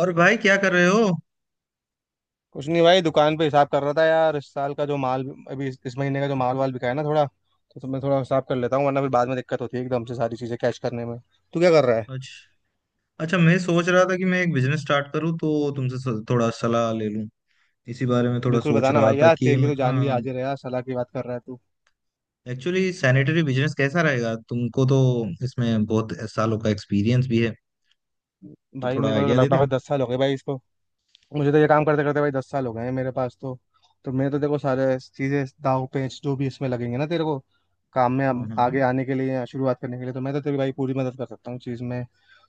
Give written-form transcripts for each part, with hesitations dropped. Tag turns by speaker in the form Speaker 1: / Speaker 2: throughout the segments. Speaker 1: और भाई क्या कर रहे हो।
Speaker 2: कुछ नहीं भाई, दुकान पे हिसाब कर रहा था यार, इस साल का जो माल, अभी इस महीने का जो माल वाल बिका है ना थोड़ा, तो मैं थोड़ा हिसाब कर लेता हूँ, वरना फिर बाद में दिक्कत होती है एकदम से सारी चीजें कैश करने में। तू क्या कर रहा है?
Speaker 1: अच्छा। अच्छा, मैं सोच रहा था कि मैं एक बिजनेस स्टार्ट करूं तो तुमसे थोड़ा सलाह ले लूं। इसी बारे में थोड़ा
Speaker 2: बिल्कुल
Speaker 1: सोच
Speaker 2: बताना
Speaker 1: रहा
Speaker 2: भाई,
Speaker 1: था
Speaker 2: यार
Speaker 1: कि
Speaker 2: तेरे लिए
Speaker 1: मैं,
Speaker 2: तो जान भी
Speaker 1: हाँ।
Speaker 2: हाजिर है, यार सलाह की बात कर रहा है तू।
Speaker 1: एक्चुअली सैनिटरी बिजनेस कैसा रहेगा? तुमको तो इसमें बहुत सालों का एक्सपीरियंस भी है, तो
Speaker 2: भाई
Speaker 1: थोड़ा
Speaker 2: मेरे को तो
Speaker 1: आइडिया दे दे।
Speaker 2: लगभग 10 साल हो गए भाई इसको। मुझे तो ये काम करते करते भाई 10 साल हो गए हैं मेरे पास तो। तो मैं तो देखो सारे चीजें, दाव पेंच जो भी इसमें लगेंगे ना तेरे को काम में,
Speaker 1: हाँ
Speaker 2: अब
Speaker 1: हाँ।
Speaker 2: आगे आने के लिए या शुरुआत करने के लिए, तो मैं तो तेरी भाई पूरी मदद कर सकता हूँ चीज में।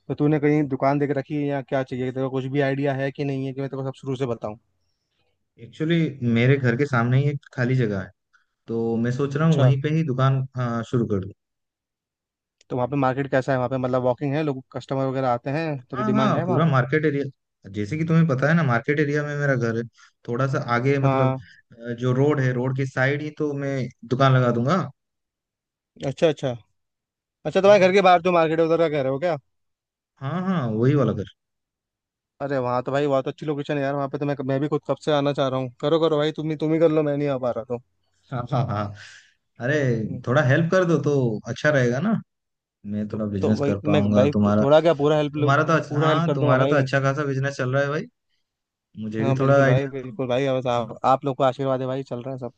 Speaker 2: तो तूने कहीं दुकान देख रखी है या क्या चाहिए तेरे को? कुछ भी आइडिया है कि नहीं है, कि मैं तेरे को सब शुरू से बताऊँ?
Speaker 1: एक्चुअली मेरे घर के सामने ही एक खाली जगह है, तो मैं सोच रहा हूँ
Speaker 2: अच्छा,
Speaker 1: वहीं पे ही दुकान, हाँ, शुरू कर दूं।
Speaker 2: तो वहाँ पे मार्केट कैसा है वहाँ पे? मतलब वॉकिंग है, लोग कस्टमर वगैरह आते हैं, तो
Speaker 1: हाँ
Speaker 2: डिमांड
Speaker 1: हाँ,
Speaker 2: है वहाँ
Speaker 1: पूरा
Speaker 2: पे?
Speaker 1: मार्केट एरिया, जैसे कि तुम्हें पता है ना, मार्केट एरिया में मेरा घर है। थोड़ा सा आगे मतलब,
Speaker 2: हाँ।
Speaker 1: जो रोड है रोड के साइड ही तो मैं दुकान लगा दूंगा।
Speaker 2: अच्छा अच्छा। अच्छा, तुम्हारे
Speaker 1: हाँ
Speaker 2: घर के बाहर जो मार्केट है उधर का कह रहे हो क्या?
Speaker 1: हाँ हाँ, वही वाला घर।
Speaker 2: अरे वहाँ तो भाई बहुत अच्छी लोकेशन है यार, वहाँ पे तो मैं भी खुद कब से आना चाह रहा हूँ। करो करो भाई, तुम ही कर लो, मैं नहीं आ पा रहा तो।
Speaker 1: हाँ हाँ हाँ। अरे,
Speaker 2: हम्म।
Speaker 1: थोड़ा हेल्प कर दो तो अच्छा रहेगा ना। मैं थोड़ा
Speaker 2: तो
Speaker 1: बिजनेस
Speaker 2: भाई
Speaker 1: कर
Speaker 2: मैं
Speaker 1: पाऊंगा।
Speaker 2: भाई,
Speaker 1: तुम्हारा,
Speaker 2: थोड़ा क्या पूरा हेल्प,
Speaker 1: तुम्हारा तो अच्छा,
Speaker 2: पूरा हेल्प
Speaker 1: हाँ
Speaker 2: कर दूंगा
Speaker 1: तुम्हारा
Speaker 2: भाई
Speaker 1: तो
Speaker 2: मैं।
Speaker 1: अच्छा खासा बिजनेस चल रहा है भाई। मुझे भी
Speaker 2: हाँ
Speaker 1: थोड़ा
Speaker 2: बिल्कुल भाई,
Speaker 1: आइडिया दो।
Speaker 2: बिल्कुल भाई, बस
Speaker 1: हाँ,
Speaker 2: आप लोग को आशीर्वाद है भाई, चल रहा है सब।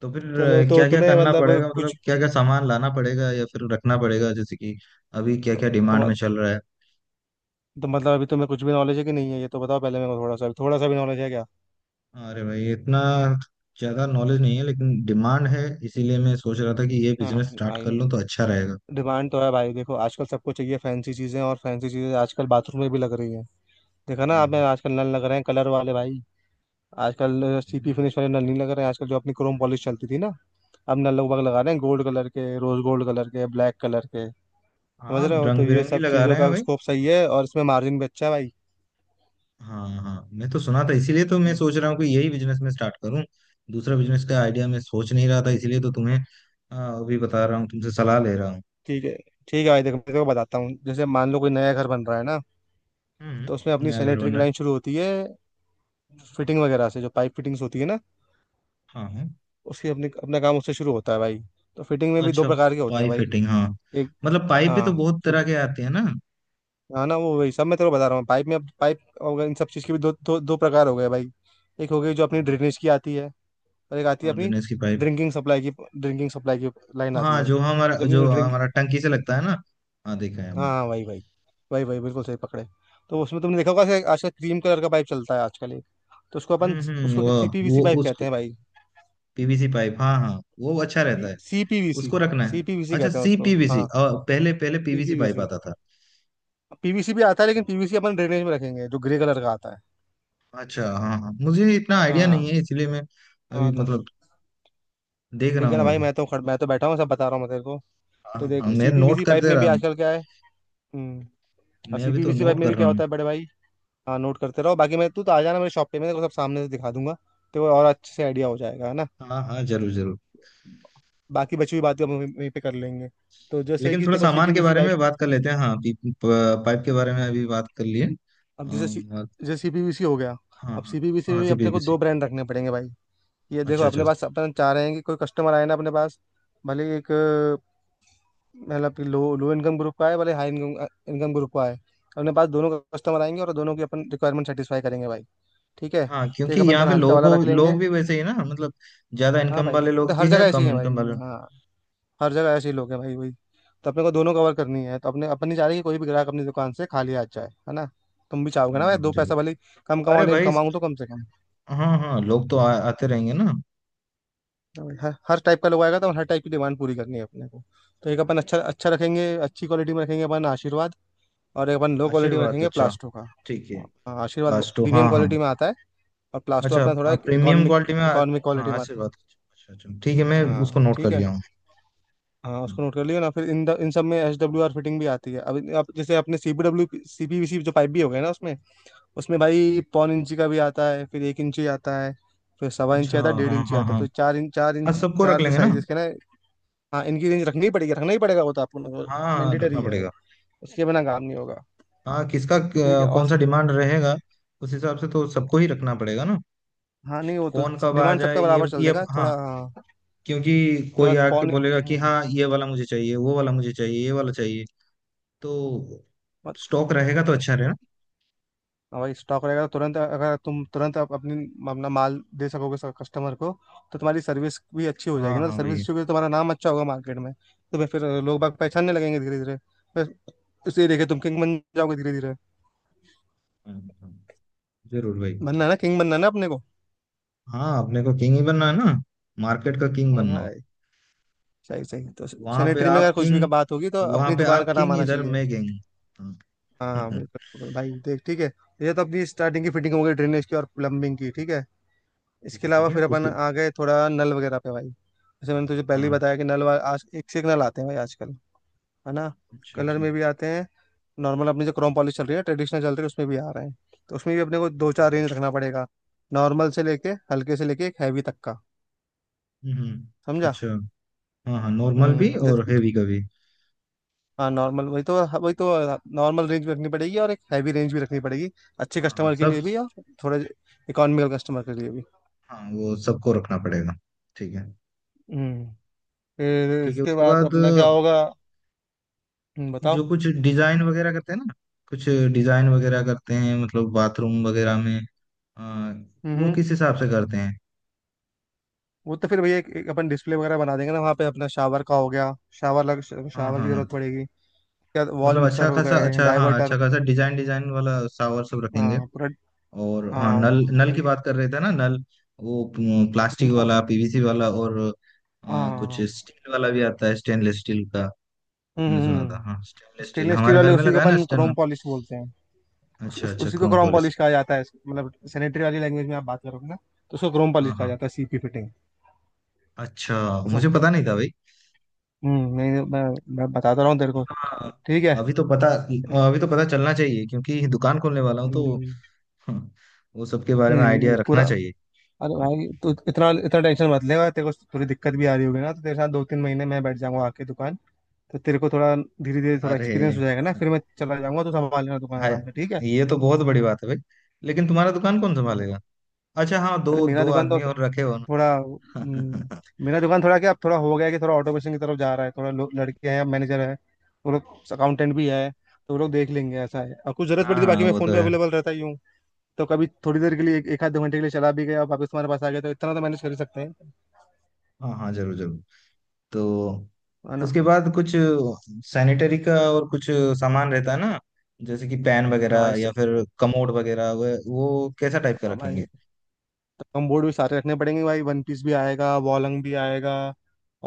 Speaker 1: तो फिर
Speaker 2: चलो, तो
Speaker 1: क्या क्या
Speaker 2: तुम्हें
Speaker 1: करना
Speaker 2: मतलब
Speaker 1: पड़ेगा? मतलब
Speaker 2: कुछ,
Speaker 1: क्या क्या सामान लाना पड़ेगा या फिर रखना पड़ेगा? जैसे कि अभी क्या क्या डिमांड में
Speaker 2: तुम,
Speaker 1: चल रहा है?
Speaker 2: तो मतलब अभी तुम्हें कुछ भी नॉलेज है कि नहीं है ये तो बताओ पहले मेरे को, थोड़ा सा भी नॉलेज है क्या?
Speaker 1: अरे भाई, इतना ज्यादा नॉलेज नहीं है, लेकिन डिमांड है। इसीलिए मैं सोच रहा था कि ये
Speaker 2: हाँ
Speaker 1: बिजनेस स्टार्ट कर
Speaker 2: भाई,
Speaker 1: लूं तो अच्छा रहेगा।
Speaker 2: डिमांड तो है भाई। देखो आजकल सबको चाहिए फैंसी चीजें, और फैंसी चीजें आजकल बाथरूम में भी लग रही है। देखा ना आप में
Speaker 1: हाँ
Speaker 2: आजकल नल लग रहे हैं कलर वाले भाई। आजकल सीपी फिनिश वाले नल नहीं लग रहे हैं, आजकल जो अपनी क्रोम पॉलिश चलती थी ना, अब नल लोग बाग लगा रहे हैं गोल्ड कलर के, रोज गोल्ड कलर के, ब्लैक कलर के, समझ
Speaker 1: हाँ,
Speaker 2: रहे हो?
Speaker 1: रंग
Speaker 2: तो ये
Speaker 1: बिरंगी
Speaker 2: सब
Speaker 1: लगा
Speaker 2: चीज़ों
Speaker 1: रहे हैं
Speaker 2: का
Speaker 1: भाई।
Speaker 2: स्कोप सही है, और इसमें मार्जिन भी अच्छा है भाई।
Speaker 1: हाँ हाँ, मैं तो सुना था, इसीलिए तो मैं
Speaker 2: हम्म।
Speaker 1: सोच रहा हूँ कि यही बिजनेस में स्टार्ट करूँ। दूसरा बिजनेस का आइडिया मैं सोच नहीं रहा था, इसीलिए तो तुम्हें अभी बता रहा हूँ, तुमसे सलाह ले रहा हूँ।
Speaker 2: ठीक है, ठीक है भाई, देखो मैं तेरे को बताता हूँ, जैसे मान लो कोई नया घर बन रहा है ना, तो उसमें
Speaker 1: हम्म,
Speaker 2: अपनी
Speaker 1: नया घर
Speaker 2: सैनिटरी
Speaker 1: बन
Speaker 2: की
Speaker 1: रहा
Speaker 2: लाइन शुरू होती है फिटिंग वगैरह से। जो पाइप फिटिंग्स होती है ना,
Speaker 1: है। हाँ हाँ।
Speaker 2: उसकी अपनी, अपना काम उससे शुरू होता है भाई। तो फिटिंग में भी दो
Speaker 1: अच्छा,
Speaker 2: प्रकार के होते हैं
Speaker 1: पाइप
Speaker 2: भाई।
Speaker 1: फिटिंग, हाँ।
Speaker 2: एक,
Speaker 1: मतलब पाइप भी तो
Speaker 2: हाँ,
Speaker 1: बहुत तरह के आते हैं ना। हाँ
Speaker 2: हाँ ना, वो वही सब मैं तेरे को बता रहा हूँ। पाइप में, अब पाइप और इन सब चीज़ के भी दो दो दो प्रकार हो गए भाई। एक हो गई जो अपनी
Speaker 1: हाँ
Speaker 2: ड्रेनेज की आती है, और एक आती है
Speaker 1: हाँ,
Speaker 2: अपनी
Speaker 1: ड्रेनेज की पाइप।
Speaker 2: ड्रिंकिंग सप्लाई की। ड्रिंकिंग सप्लाई की लाइन आती
Speaker 1: हाँ,
Speaker 2: है, तो अपनी
Speaker 1: जो
Speaker 2: जो ड्रिंक,
Speaker 1: हमारा टंकी से लगता है ना, हाँ देखा है
Speaker 2: हाँ
Speaker 1: हमने।
Speaker 2: हाँ वही वही, वही वही, बिल्कुल सही पकड़े। तो उसमें तुमने देखा होगा, ऐसे आजकल क्रीम कलर का पाइप चलता है आजकल एक, तो उसको अपन,
Speaker 1: हम्म,
Speaker 2: उसको
Speaker 1: वो
Speaker 2: सीपीवीसी
Speaker 1: वो
Speaker 2: पाइप
Speaker 1: उसको
Speaker 2: कहते हैं भाई।
Speaker 1: पीवीसी पाइप, हाँ हाँ, वो अच्छा रहता है,
Speaker 2: सीपीवीसी,
Speaker 1: उसको रखना है।
Speaker 2: सीपीवीसी
Speaker 1: अच्छा,
Speaker 2: कहते हैं
Speaker 1: सी
Speaker 2: उसको
Speaker 1: पीवीसी।
Speaker 2: हाँ,
Speaker 1: पहले पहले पीवीसी पाइप
Speaker 2: सीपीवीसी।
Speaker 1: आता था।
Speaker 2: पीवीसी भी आता है लेकिन पीवीसी अपन ड्रेनेज में रखेंगे, जो ग्रे कलर का आता है।
Speaker 1: अच्छा हाँ हाँ, मुझे इतना आइडिया नहीं
Speaker 2: हाँ,
Speaker 1: है, इसलिए मैं अभी
Speaker 2: हाँ तो
Speaker 1: मतलब देख रहा
Speaker 2: ठीक है ना
Speaker 1: हूँ
Speaker 2: भाई,
Speaker 1: अभी।
Speaker 2: मैं तो खड़, मैं तो बैठा हूँ सब बता रहा हूँ मैं तेरे को।
Speaker 1: हाँ
Speaker 2: तो
Speaker 1: हाँ हाँ,
Speaker 2: देख,
Speaker 1: मैं नोट
Speaker 2: सीपीवीसी पाइप
Speaker 1: करते
Speaker 2: में
Speaker 1: रहा
Speaker 2: भी
Speaker 1: हूँ।
Speaker 2: आजकल क्या है, हम्म, और
Speaker 1: मैं अभी तो
Speaker 2: सीपीवीसी पाइप
Speaker 1: नोट
Speaker 2: में
Speaker 1: कर
Speaker 2: भी
Speaker 1: रहा
Speaker 2: क्या
Speaker 1: हूँ।
Speaker 2: होता है बड़े भाई। हाँ नोट करते रहो, बाकी मैं, तू तो आ जाना मेरे शॉप पे, मैं तेरे को सब सामने से दिखा दूंगा, तो और अच्छे से आइडिया हो जाएगा, है ना।
Speaker 1: हाँ हाँ, जरूर जरूर।
Speaker 2: बाकी बची हुई बातें हम वहीं वहीं पे कर लेंगे। तो जैसे
Speaker 1: लेकिन
Speaker 2: कि
Speaker 1: थोड़ा
Speaker 2: देखो,
Speaker 1: सामान के
Speaker 2: सीपीवीसी
Speaker 1: बारे
Speaker 2: पाइप,
Speaker 1: में बात कर लेते हैं। हाँ, पाइप के बारे में अभी बात कर लिए।
Speaker 2: अब
Speaker 1: हाँ
Speaker 2: जैसे सी-,
Speaker 1: हाँ।
Speaker 2: जैसे सीपीवीसी हो गया,
Speaker 1: हाँ
Speaker 2: अब
Speaker 1: हाँ,
Speaker 2: सीपीवीसी में
Speaker 1: हाँ,
Speaker 2: भी
Speaker 1: सी
Speaker 2: अपने को
Speaker 1: पीवीसी।
Speaker 2: 2 ब्रांड रखने पड़ेंगे भाई। ये देखो,
Speaker 1: अच्छा
Speaker 2: अपने
Speaker 1: अच्छा।
Speaker 2: पास अपन चाह रहे हैं कि कोई कस्टमर आए ना अपने पास, भले ही एक मतलब कि लो लो इनकम ग्रुप का है, भले हाई इनकम इनकम ग्रुप का है, अपने पास दोनों कस्टमर आएंगे और दोनों की अपन रिक्वायरमेंट सेटिस्फाई करेंगे भाई, ठीक है।
Speaker 1: हाँ,
Speaker 2: तो
Speaker 1: क्योंकि
Speaker 2: एक अपन
Speaker 1: यहाँ
Speaker 2: थोड़ा
Speaker 1: पे
Speaker 2: हल्का वाला रख लेंगे।
Speaker 1: लोग भी वैसे ही ना, मतलब ज्यादा
Speaker 2: हाँ
Speaker 1: इनकम
Speaker 2: भाई,
Speaker 1: वाले
Speaker 2: वो
Speaker 1: लोग
Speaker 2: तो
Speaker 1: भी
Speaker 2: हर
Speaker 1: है,
Speaker 2: जगह ऐसे ही
Speaker 1: कम
Speaker 2: है भाई।
Speaker 1: इनकम वाले।
Speaker 2: हाँ, हर जगह ऐसे ही लोग हैं भाई, वही। तो अपने को दोनों कवर करनी है, तो अपने, अपन नहीं चाह रहे कि कोई भी ग्राहक अपनी दुकान से खाली आ जाए, है ना। तुम भी चाहोगे ना
Speaker 1: हाँ
Speaker 2: भाई,
Speaker 1: हाँ,
Speaker 2: दो
Speaker 1: जरूर।
Speaker 2: पैसा भले ही कम कमाओ,
Speaker 1: अरे
Speaker 2: लेकिन
Speaker 1: भाई,
Speaker 2: कमाऊँ तो कम से कम।
Speaker 1: हाँ हाँ, लोग तो आते रहेंगे ना।
Speaker 2: और हर हर टाइप का लोग आएगा, तो हर टाइप की डिमांड पूरी करनी है अपने को। तो एक अपन अच्छा, अच्छा रखेंगे, अच्छी क्वालिटी में रखेंगे अपन, आशीर्वाद। और एक अपन लो क्वालिटी में
Speaker 1: आशीर्वाद,
Speaker 2: रखेंगे,
Speaker 1: अच्छा,
Speaker 2: प्लास्टो का।
Speaker 1: ठीक है।
Speaker 2: हाँ, आशीर्वाद
Speaker 1: लास्ट तो
Speaker 2: प्रीमियम
Speaker 1: हाँ हाँ।
Speaker 2: क्वालिटी में आता है, और प्लास्टो
Speaker 1: अच्छा,
Speaker 2: अपना थोड़ा
Speaker 1: आप प्रीमियम
Speaker 2: इकोनॉमिक,
Speaker 1: क्वालिटी में
Speaker 2: इकोनॉमिक
Speaker 1: हाँ,
Speaker 2: क्वालिटी में आता
Speaker 1: आशीर्वाद। अच्छा अच्छा, ठीक है, मैं
Speaker 2: है।
Speaker 1: उसको
Speaker 2: हाँ
Speaker 1: नोट कर
Speaker 2: ठीक है।
Speaker 1: लिया हूँ।
Speaker 2: हाँ उसको नोट कर लियो ना, फिर इन सब में एच डब्ल्यू आर फिटिंग भी आती है। अब जैसे अपने C P W, C P V C जो पाइप भी हो गया ना, उसमें, उसमें भाई पौन इंची का भी आता है, फिर एक इंची आता है, फिर सवा इंची
Speaker 1: अच्छा
Speaker 2: आता है, डेढ़
Speaker 1: हाँ
Speaker 2: इंची
Speaker 1: हाँ
Speaker 2: आता है,
Speaker 1: हाँ।
Speaker 2: तो चार इंच, चार
Speaker 1: हाँ,
Speaker 2: इंच,
Speaker 1: सबको रख
Speaker 2: चार, जो
Speaker 1: लेंगे ना।
Speaker 2: साइजेस के ना। हाँ इनकी रेंज रखनी ही पड़ेगी, रखना ही पड़ेगा वो तो आपको,
Speaker 1: हाँ हाँ, रखना
Speaker 2: मैंडेटरी है वो,
Speaker 1: पड़ेगा।
Speaker 2: उसके बिना काम नहीं होगा।
Speaker 1: हाँ,
Speaker 2: ठीक है, और,
Speaker 1: कौन सा डिमांड रहेगा? उस हिसाब से तो सबको ही रखना पड़ेगा ना।
Speaker 2: हाँ नहीं वो तो,
Speaker 1: कौन कब आ
Speaker 2: डिमांड
Speaker 1: जाए,
Speaker 2: सबका
Speaker 1: ये
Speaker 2: बराबर चल
Speaker 1: ये
Speaker 2: देगा
Speaker 1: हाँ,
Speaker 2: थोड़ा, हाँ,
Speaker 1: क्योंकि कोई
Speaker 2: थोड़ा
Speaker 1: आके
Speaker 2: पौने,
Speaker 1: बोलेगा कि
Speaker 2: हम्म,
Speaker 1: हाँ ये वाला मुझे चाहिए, वो वाला मुझे चाहिए, ये वाला चाहिए। तो
Speaker 2: मत-,
Speaker 1: स्टॉक रहेगा तो अच्छा
Speaker 2: मत-,
Speaker 1: रहेगा।
Speaker 2: हाँ भाई स्टॉक रहेगा तो तुरंत, अगर तुम तुरंत आप अपनी अपना माल दे सकोगे कस्टमर को, तो तुम्हारी सर्विस भी अच्छी हो जाएगी
Speaker 1: हाँ
Speaker 2: ना, तो
Speaker 1: हाँ
Speaker 2: सर्विस
Speaker 1: भाई।
Speaker 2: अच्छी होगी तो तुम्हारा नाम अच्छा होगा मार्केट में, तो भाई फिर लोग बाग पहचानने लगेंगे धीरे धीरे। फिर उसे देखे तुम किंग बन जाओगे धीरे धीरे।
Speaker 1: हाँ, हाँ, जरूर भाई।
Speaker 2: बनना है ना, किंग बनना है ना अपने को।
Speaker 1: हाँ, अपने को किंग ही बनना है ना, मार्केट का किंग
Speaker 2: हाँ
Speaker 1: बनना
Speaker 2: हाँ
Speaker 1: है।
Speaker 2: भाई, सही सही, तो
Speaker 1: वहां पे
Speaker 2: सैनिटरी में
Speaker 1: आप
Speaker 2: अगर कुछ भी
Speaker 1: किंग,
Speaker 2: का बात होगी तो
Speaker 1: वहां
Speaker 2: अपनी
Speaker 1: पे
Speaker 2: दुकान
Speaker 1: आप
Speaker 2: का नाम
Speaker 1: किंग,
Speaker 2: आना
Speaker 1: इधर
Speaker 2: चाहिए।
Speaker 1: मैं किंग।
Speaker 2: हाँ हाँ
Speaker 1: हाँ।
Speaker 2: बिल्कुल बिल्कुल। भाई देख ठीक है, ये तो अपनी स्टार्टिंग की फिटिंग हो गई, ड्रेनेज की और प्लम्बिंग की, ठीक है। इसके
Speaker 1: ठीक
Speaker 2: अलावा
Speaker 1: है
Speaker 2: फिर अपन
Speaker 1: उसके,
Speaker 2: आ गए थोड़ा नल वगैरह पे भाई, जैसे मैंने तुझे पहले ही
Speaker 1: हाँ।
Speaker 2: बताया कि नल वा-, आज एक से एक नल आते हैं भाई आजकल, है ना।
Speaker 1: अच्छा
Speaker 2: कलर
Speaker 1: अच्छा।
Speaker 2: में भी आते हैं, नॉर्मल अपनी जो क्रोम पॉलिश चल रही है, ट्रेडिशनल चल रही है उसमें भी आ रहे हैं। तो उसमें भी अपने को दो चार
Speaker 1: हम्म
Speaker 2: रेंज रखना पड़ेगा, नॉर्मल से लेके, हल्के से लेके एक हैवी तक का, समझा।
Speaker 1: अच्छा। हाँ हाँ, नॉर्मल भी
Speaker 2: हम्म,
Speaker 1: और हेवी का भी।
Speaker 2: हाँ नॉर्मल, वही तो, हाँ वही तो, नॉर्मल रेंज भी रखनी पड़ेगी और एक हैवी रेंज भी रखनी पड़ेगी, अच्छे
Speaker 1: हाँ हाँ
Speaker 2: कस्टमर के
Speaker 1: सब।
Speaker 2: लिए भी और थोड़े इकोनॉमिकल कस्टमर के लिए भी।
Speaker 1: हाँ, वो सबको रखना पड़ेगा। ठीक है।
Speaker 2: हम्म। फिर
Speaker 1: ठीक है
Speaker 2: इसके
Speaker 1: उसके
Speaker 2: बाद
Speaker 1: बाद,
Speaker 2: अपना क्या होगा, हम्म बताओ,
Speaker 1: जो कुछ डिजाइन वगैरह करते हैं ना, कुछ डिजाइन वगैरह करते हैं, मतलब बाथरूम वगैरह में, आ, वो
Speaker 2: हम्म।
Speaker 1: किस हिसाब से करते हैं?
Speaker 2: वो तो फिर भैया एक अपन डिस्प्ले वगैरह बना देंगे ना वहाँ पे, अपना शावर का हो गया, शावर लग,
Speaker 1: हाँ
Speaker 2: शावर
Speaker 1: हाँ
Speaker 2: की
Speaker 1: हाँ,
Speaker 2: जरूरत पड़ेगी, क्या वॉल
Speaker 1: मतलब अच्छा
Speaker 2: मिक्सर हो
Speaker 1: खासा,
Speaker 2: गए,
Speaker 1: अच्छा हाँ,
Speaker 2: डाइवर्टर।
Speaker 1: अच्छा खासा डिजाइन डिजाइन वाला शावर सब रखेंगे।
Speaker 2: हाँ पूरा।
Speaker 1: और हाँ,
Speaker 2: हाँ
Speaker 1: नल,
Speaker 2: हाँ,
Speaker 1: नल की
Speaker 2: वही।
Speaker 1: बात कर रहे थे ना नल। वो प्लास्टिक वाला,
Speaker 2: अब-,
Speaker 1: पीवीसी वाला, और कुछ
Speaker 2: हाँ,
Speaker 1: स्टील वाला भी आता है, स्टेनलेस स्टील का। मैंने सुना था, हाँ
Speaker 2: हम्म,
Speaker 1: स्टेनलेस स्टील
Speaker 2: स्टेनलेस स्टील
Speaker 1: हमारे घर
Speaker 2: वाले,
Speaker 1: में
Speaker 2: उसी
Speaker 1: लगा
Speaker 2: को
Speaker 1: है ना,
Speaker 2: अपन
Speaker 1: स्टेन,
Speaker 2: क्रोम पॉलिश बोलते हैं। उस,
Speaker 1: अच्छा
Speaker 2: उस,
Speaker 1: अच्छा,
Speaker 2: उसी को
Speaker 1: क्रोम
Speaker 2: क्रोम
Speaker 1: पॉलिश।
Speaker 2: पॉलिश कहा जाता है, मतलब सैनिटरी वाली लैंग्वेज में आप बात करोगे ना तो उसको क्रोम पॉलिश
Speaker 1: हाँ
Speaker 2: कहा
Speaker 1: हाँ।
Speaker 2: जाता है, सीपी फिटिंग,
Speaker 1: अच्छा,
Speaker 2: ऐसा।
Speaker 1: मुझे पता नहीं था भाई।
Speaker 2: हम्म, नहीं नहीं, मैं बताता रहा हूँ तेरे को,
Speaker 1: हाँ,
Speaker 2: ठीक है।
Speaker 1: अभी तो पता, अभी तो पता चलना चाहिए क्योंकि दुकान खोलने वाला हूँ तो।
Speaker 2: हम्म,
Speaker 1: हम्म, वो सब के बारे में
Speaker 2: नहीं नहीं
Speaker 1: आइडिया
Speaker 2: भाई पूरा,
Speaker 1: रखना चाहिए।
Speaker 2: अरे भाई तू इतना, इतना टेंशन मत लेगा, तेरे को थोड़ी दिक्कत भी आ रही होगी ना, तो तेरे साथ 2-3 महीने मैं बैठ जाऊंगा आके दुकान, तो तेरे को थोड़ा धीरे धीरे थोड़ा
Speaker 1: अरे,
Speaker 2: एक्सपीरियंस हो जाएगा ना, फिर मैं चला जाऊंगा तो संभाल लेना दुकान
Speaker 1: हाय,
Speaker 2: आराम से, ठीक है।
Speaker 1: ये तो बहुत बड़ी बात है भाई। लेकिन तुम्हारा दुकान कौन संभालेगा? अच्छा हाँ,
Speaker 2: अरे
Speaker 1: दो
Speaker 2: मेरा
Speaker 1: दो
Speaker 2: दुकान तो
Speaker 1: आदमी और रखे हो
Speaker 2: थोड़ा,
Speaker 1: ना।
Speaker 2: मेरा दुकान थोड़ा क्या अब, थोड़ा हो गया है कि थोड़ा ऑटोमेशन की तरफ जा रहा है, थोड़ा लोग लड़के हैं, मैनेजर है, वो लोग अकाउंटेंट भी है, तो वो लोग देख लेंगे ऐसा है, और कुछ जरूरत पड़ी तो बाकी
Speaker 1: हाँ
Speaker 2: मैं
Speaker 1: वो
Speaker 2: फोन
Speaker 1: तो
Speaker 2: पे
Speaker 1: है।
Speaker 2: अवेलेबल रहता ही हूँ। तो कभी थोड़ी देर के लिए एक एक आध 2 घंटे के लिए चला भी गया, वापस तुम्हारे पास आ गया, तो इतना तो मैनेज कर ही सकते हैं,
Speaker 1: हाँ हाँ, जरूर जरूर। तो
Speaker 2: है ना।
Speaker 1: उसके बाद कुछ सैनिटरी का और कुछ सामान रहता है ना, जैसे कि पैन
Speaker 2: हाँ
Speaker 1: वगैरह
Speaker 2: भाई से-,
Speaker 1: या फिर कमोड वगैरह, वो कैसा टाइप का
Speaker 2: हाँ
Speaker 1: रखेंगे?
Speaker 2: भाई, कम बोर्ड भी सारे रखने पड़ेंगे भाई, वन पीस भी आएगा, वॉलंग भी आएगा,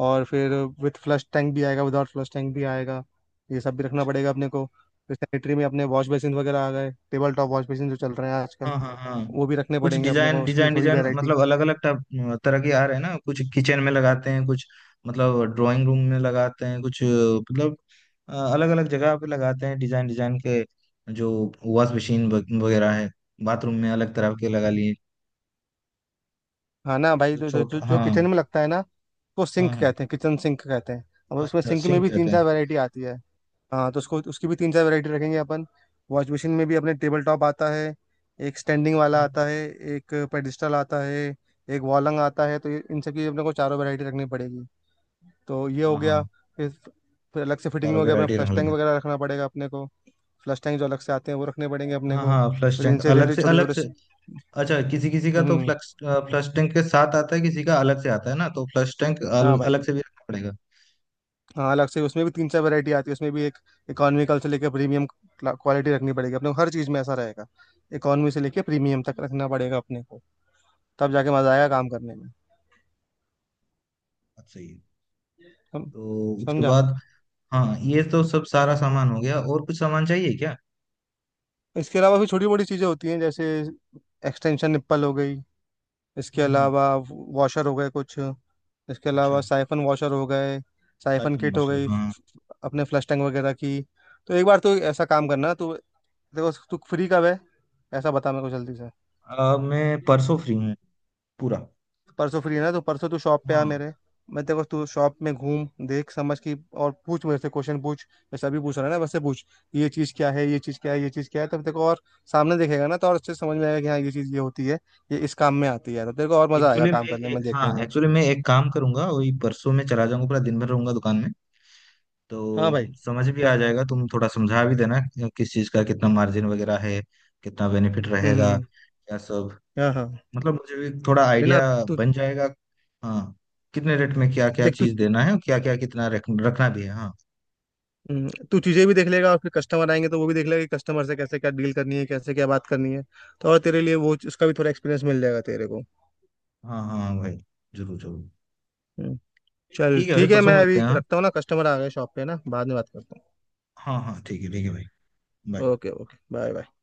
Speaker 2: और फिर विथ फ्लश टैंक भी आएगा, विदाउट फ्लश टैंक भी आएगा, ये सब भी रखना
Speaker 1: अच्छा।
Speaker 2: पड़ेगा अपने को। फिर सैनिटरी में अपने वॉश बेसिन वगैरह आ गए, टेबल टॉप वॉश बेसिन जो चल रहे हैं आजकल,
Speaker 1: हाँ हाँ हाँ,
Speaker 2: वो भी रखने
Speaker 1: कुछ
Speaker 2: पड़ेंगे अपने
Speaker 1: डिजाइन
Speaker 2: को, उसकी भी
Speaker 1: डिजाइन
Speaker 2: थोड़ी
Speaker 1: डिजाइन,
Speaker 2: वैरायटी।
Speaker 1: मतलब अलग अलग टाइप तरह के आ रहे हैं ना, कुछ किचन में लगाते हैं, कुछ मतलब ड्राइंग रूम में लगाते हैं, कुछ मतलब अलग अलग जगह पे लगाते हैं, डिजाइन डिजाइन के। जो वॉश मशीन वगैरह है बाथरूम में अलग तरह के लगा लिए।
Speaker 2: हाँ ना भाई,
Speaker 1: जो
Speaker 2: जो जो,
Speaker 1: छोट,
Speaker 2: जो, जो
Speaker 1: हाँ।
Speaker 2: किचन में लगता है ना, तो
Speaker 1: हाँ
Speaker 2: सिंक
Speaker 1: हाँ।
Speaker 2: कहते हैं, किचन सिंक कहते हैं। अब उसमें,
Speaker 1: अच्छा,
Speaker 2: सिंक में
Speaker 1: सिंक
Speaker 2: भी
Speaker 1: कहते
Speaker 2: तीन
Speaker 1: हैं।
Speaker 2: चार वैरायटी आती है। हाँ, तो उसको, उसकी भी 3-4 वैरायटी रखेंगे अपन। वॉश मशीन में भी अपने टेबल टॉप आता है, एक स्टैंडिंग वाला
Speaker 1: हम्म,
Speaker 2: आता है, एक पेडिस्टल आता है, एक वॉलंग आता है, तो ये-, इन सब की अपने को चारों वैरायटी रखनी पड़ेगी, तो ये हो
Speaker 1: हाँ
Speaker 2: गया।
Speaker 1: हाँ,
Speaker 2: फिर फिर अलग से फिटिंग
Speaker 1: सारा
Speaker 2: में हो गया अपना,
Speaker 1: वेरायटी
Speaker 2: फ्लश
Speaker 1: रंग
Speaker 2: टैंक
Speaker 1: लगे।
Speaker 2: वगैरह रखना पड़ेगा अपने को। फ्लश टैंक जो अलग से आते हैं वो रखने पड़ेंगे अपने
Speaker 1: हाँ
Speaker 2: को।
Speaker 1: हाँ, फ्लश
Speaker 2: फिर
Speaker 1: टैंक
Speaker 2: इनसे
Speaker 1: अलग
Speaker 2: रिलेटेड
Speaker 1: से,
Speaker 2: छोटे
Speaker 1: अलग
Speaker 2: छोटे,
Speaker 1: से। अच्छा, किसी किसी का तो
Speaker 2: हम्म,
Speaker 1: फ्लक्स, फ्लश टैंक के साथ आता है, किसी का अलग से आता है ना, तो फ्लश टैंक
Speaker 2: हाँ भाई,
Speaker 1: अलग से भी रखना पड़ेगा।
Speaker 2: हाँ, अलग से उसमें भी तीन चार वैरायटी आती है। उसमें भी एक इकोनॉमिकल से लेकर प्रीमियम क्वालिटी रखनी पड़ेगी अपने को, हर चीज़ में ऐसा रहेगा, इकोनॉमी से लेकर प्रीमियम तक रखना पड़ेगा अपने को, तब जाके मजा आएगा काम करने में।
Speaker 1: बात सही है।
Speaker 2: सम,
Speaker 1: तो उसके
Speaker 2: समझा।
Speaker 1: बाद, हाँ ये तो सब सारा सामान हो गया, और कुछ सामान चाहिए क्या?
Speaker 2: इसके अलावा भी छोटी मोटी चीजें होती हैं, जैसे एक्सटेंशन निप्पल हो गई, इसके
Speaker 1: हम्म।
Speaker 2: अलावा वॉशर हो गए कुछ, इसके
Speaker 1: अच्छा,
Speaker 2: अलावा साइफन वॉशर हो गए, साइफन
Speaker 1: आईफोन
Speaker 2: किट हो
Speaker 1: मशहूर,
Speaker 2: गई
Speaker 1: हाँ।
Speaker 2: अपने फ्लश टैंक वगैरह की। तो एक बार तो ऐसा काम करना तू, देखो तू फ्री कब है, ऐसा बता मेरे को जल्दी से।
Speaker 1: मैं परसों फ्री हूँ, पूरा।
Speaker 2: परसों फ्री है ना, तो परसों तू शॉप पे आ
Speaker 1: हाँ,
Speaker 2: मेरे, मैं तेरे को, तू शॉप में घूम, देख, समझ की, और पूछ मेरे से, क्वेश्चन पूछ जैसे अभी पूछ रहा है ना वैसे पूछ। ये चीज क्या है, ये चीज क्या है, ये चीज क्या है, तब तेरे को, और सामने देखेगा ना तो और अच्छे से समझ में आएगा कि हाँ ये चीज ये होती है, ये इस काम में आती है, तो तेरे को और मजा आएगा
Speaker 1: एक्चुअली
Speaker 2: काम
Speaker 1: मैं
Speaker 2: करने में, देखने
Speaker 1: हाँ
Speaker 2: में।
Speaker 1: एक्चुअली मैं एक काम करूंगा, वही परसों में चला जाऊंगा, पूरा दिन भर रहूंगा दुकान में।
Speaker 2: हाँ भाई,
Speaker 1: तो समझ भी आ जाएगा, तुम थोड़ा समझा भी देना कि किस चीज़ का कितना मार्जिन वगैरह है, कितना बेनिफिट रहेगा,
Speaker 2: हम्म,
Speaker 1: क्या सब।
Speaker 2: हाँ हाँ
Speaker 1: मतलब मुझे भी थोड़ा
Speaker 2: वही ना,
Speaker 1: आइडिया
Speaker 2: तू
Speaker 1: बन जाएगा। हाँ, कितने रेट में क्या क्या
Speaker 2: देख तू,
Speaker 1: चीज़ देना है, और क्या क्या कितना रखना भी है, हाँ।
Speaker 2: तू चीजें भी देख लेगा, और फिर कस्टमर आएंगे तो वो भी देख लेगा कि कस्टमर से कैसे क्या डील करनी है, कैसे क्या बात करनी है, तो और तेरे लिए वो, उसका भी थोड़ा एक्सपीरियंस मिल जाएगा तेरे को।
Speaker 1: हाँ हाँ भाई, जरूर जरूर।
Speaker 2: हम्म। चल
Speaker 1: ठीक है भाई,
Speaker 2: ठीक है,
Speaker 1: परसों
Speaker 2: मैं अभी
Speaker 1: मिलते हैं। हाँ।
Speaker 2: रखता हूँ ना, कस्टमर आ गए शॉप पे ना, बाद में बात करता
Speaker 1: हाँ हाँ, ठीक है भाई।
Speaker 2: हूँ।
Speaker 1: Bye.
Speaker 2: Okay okay, bye bye.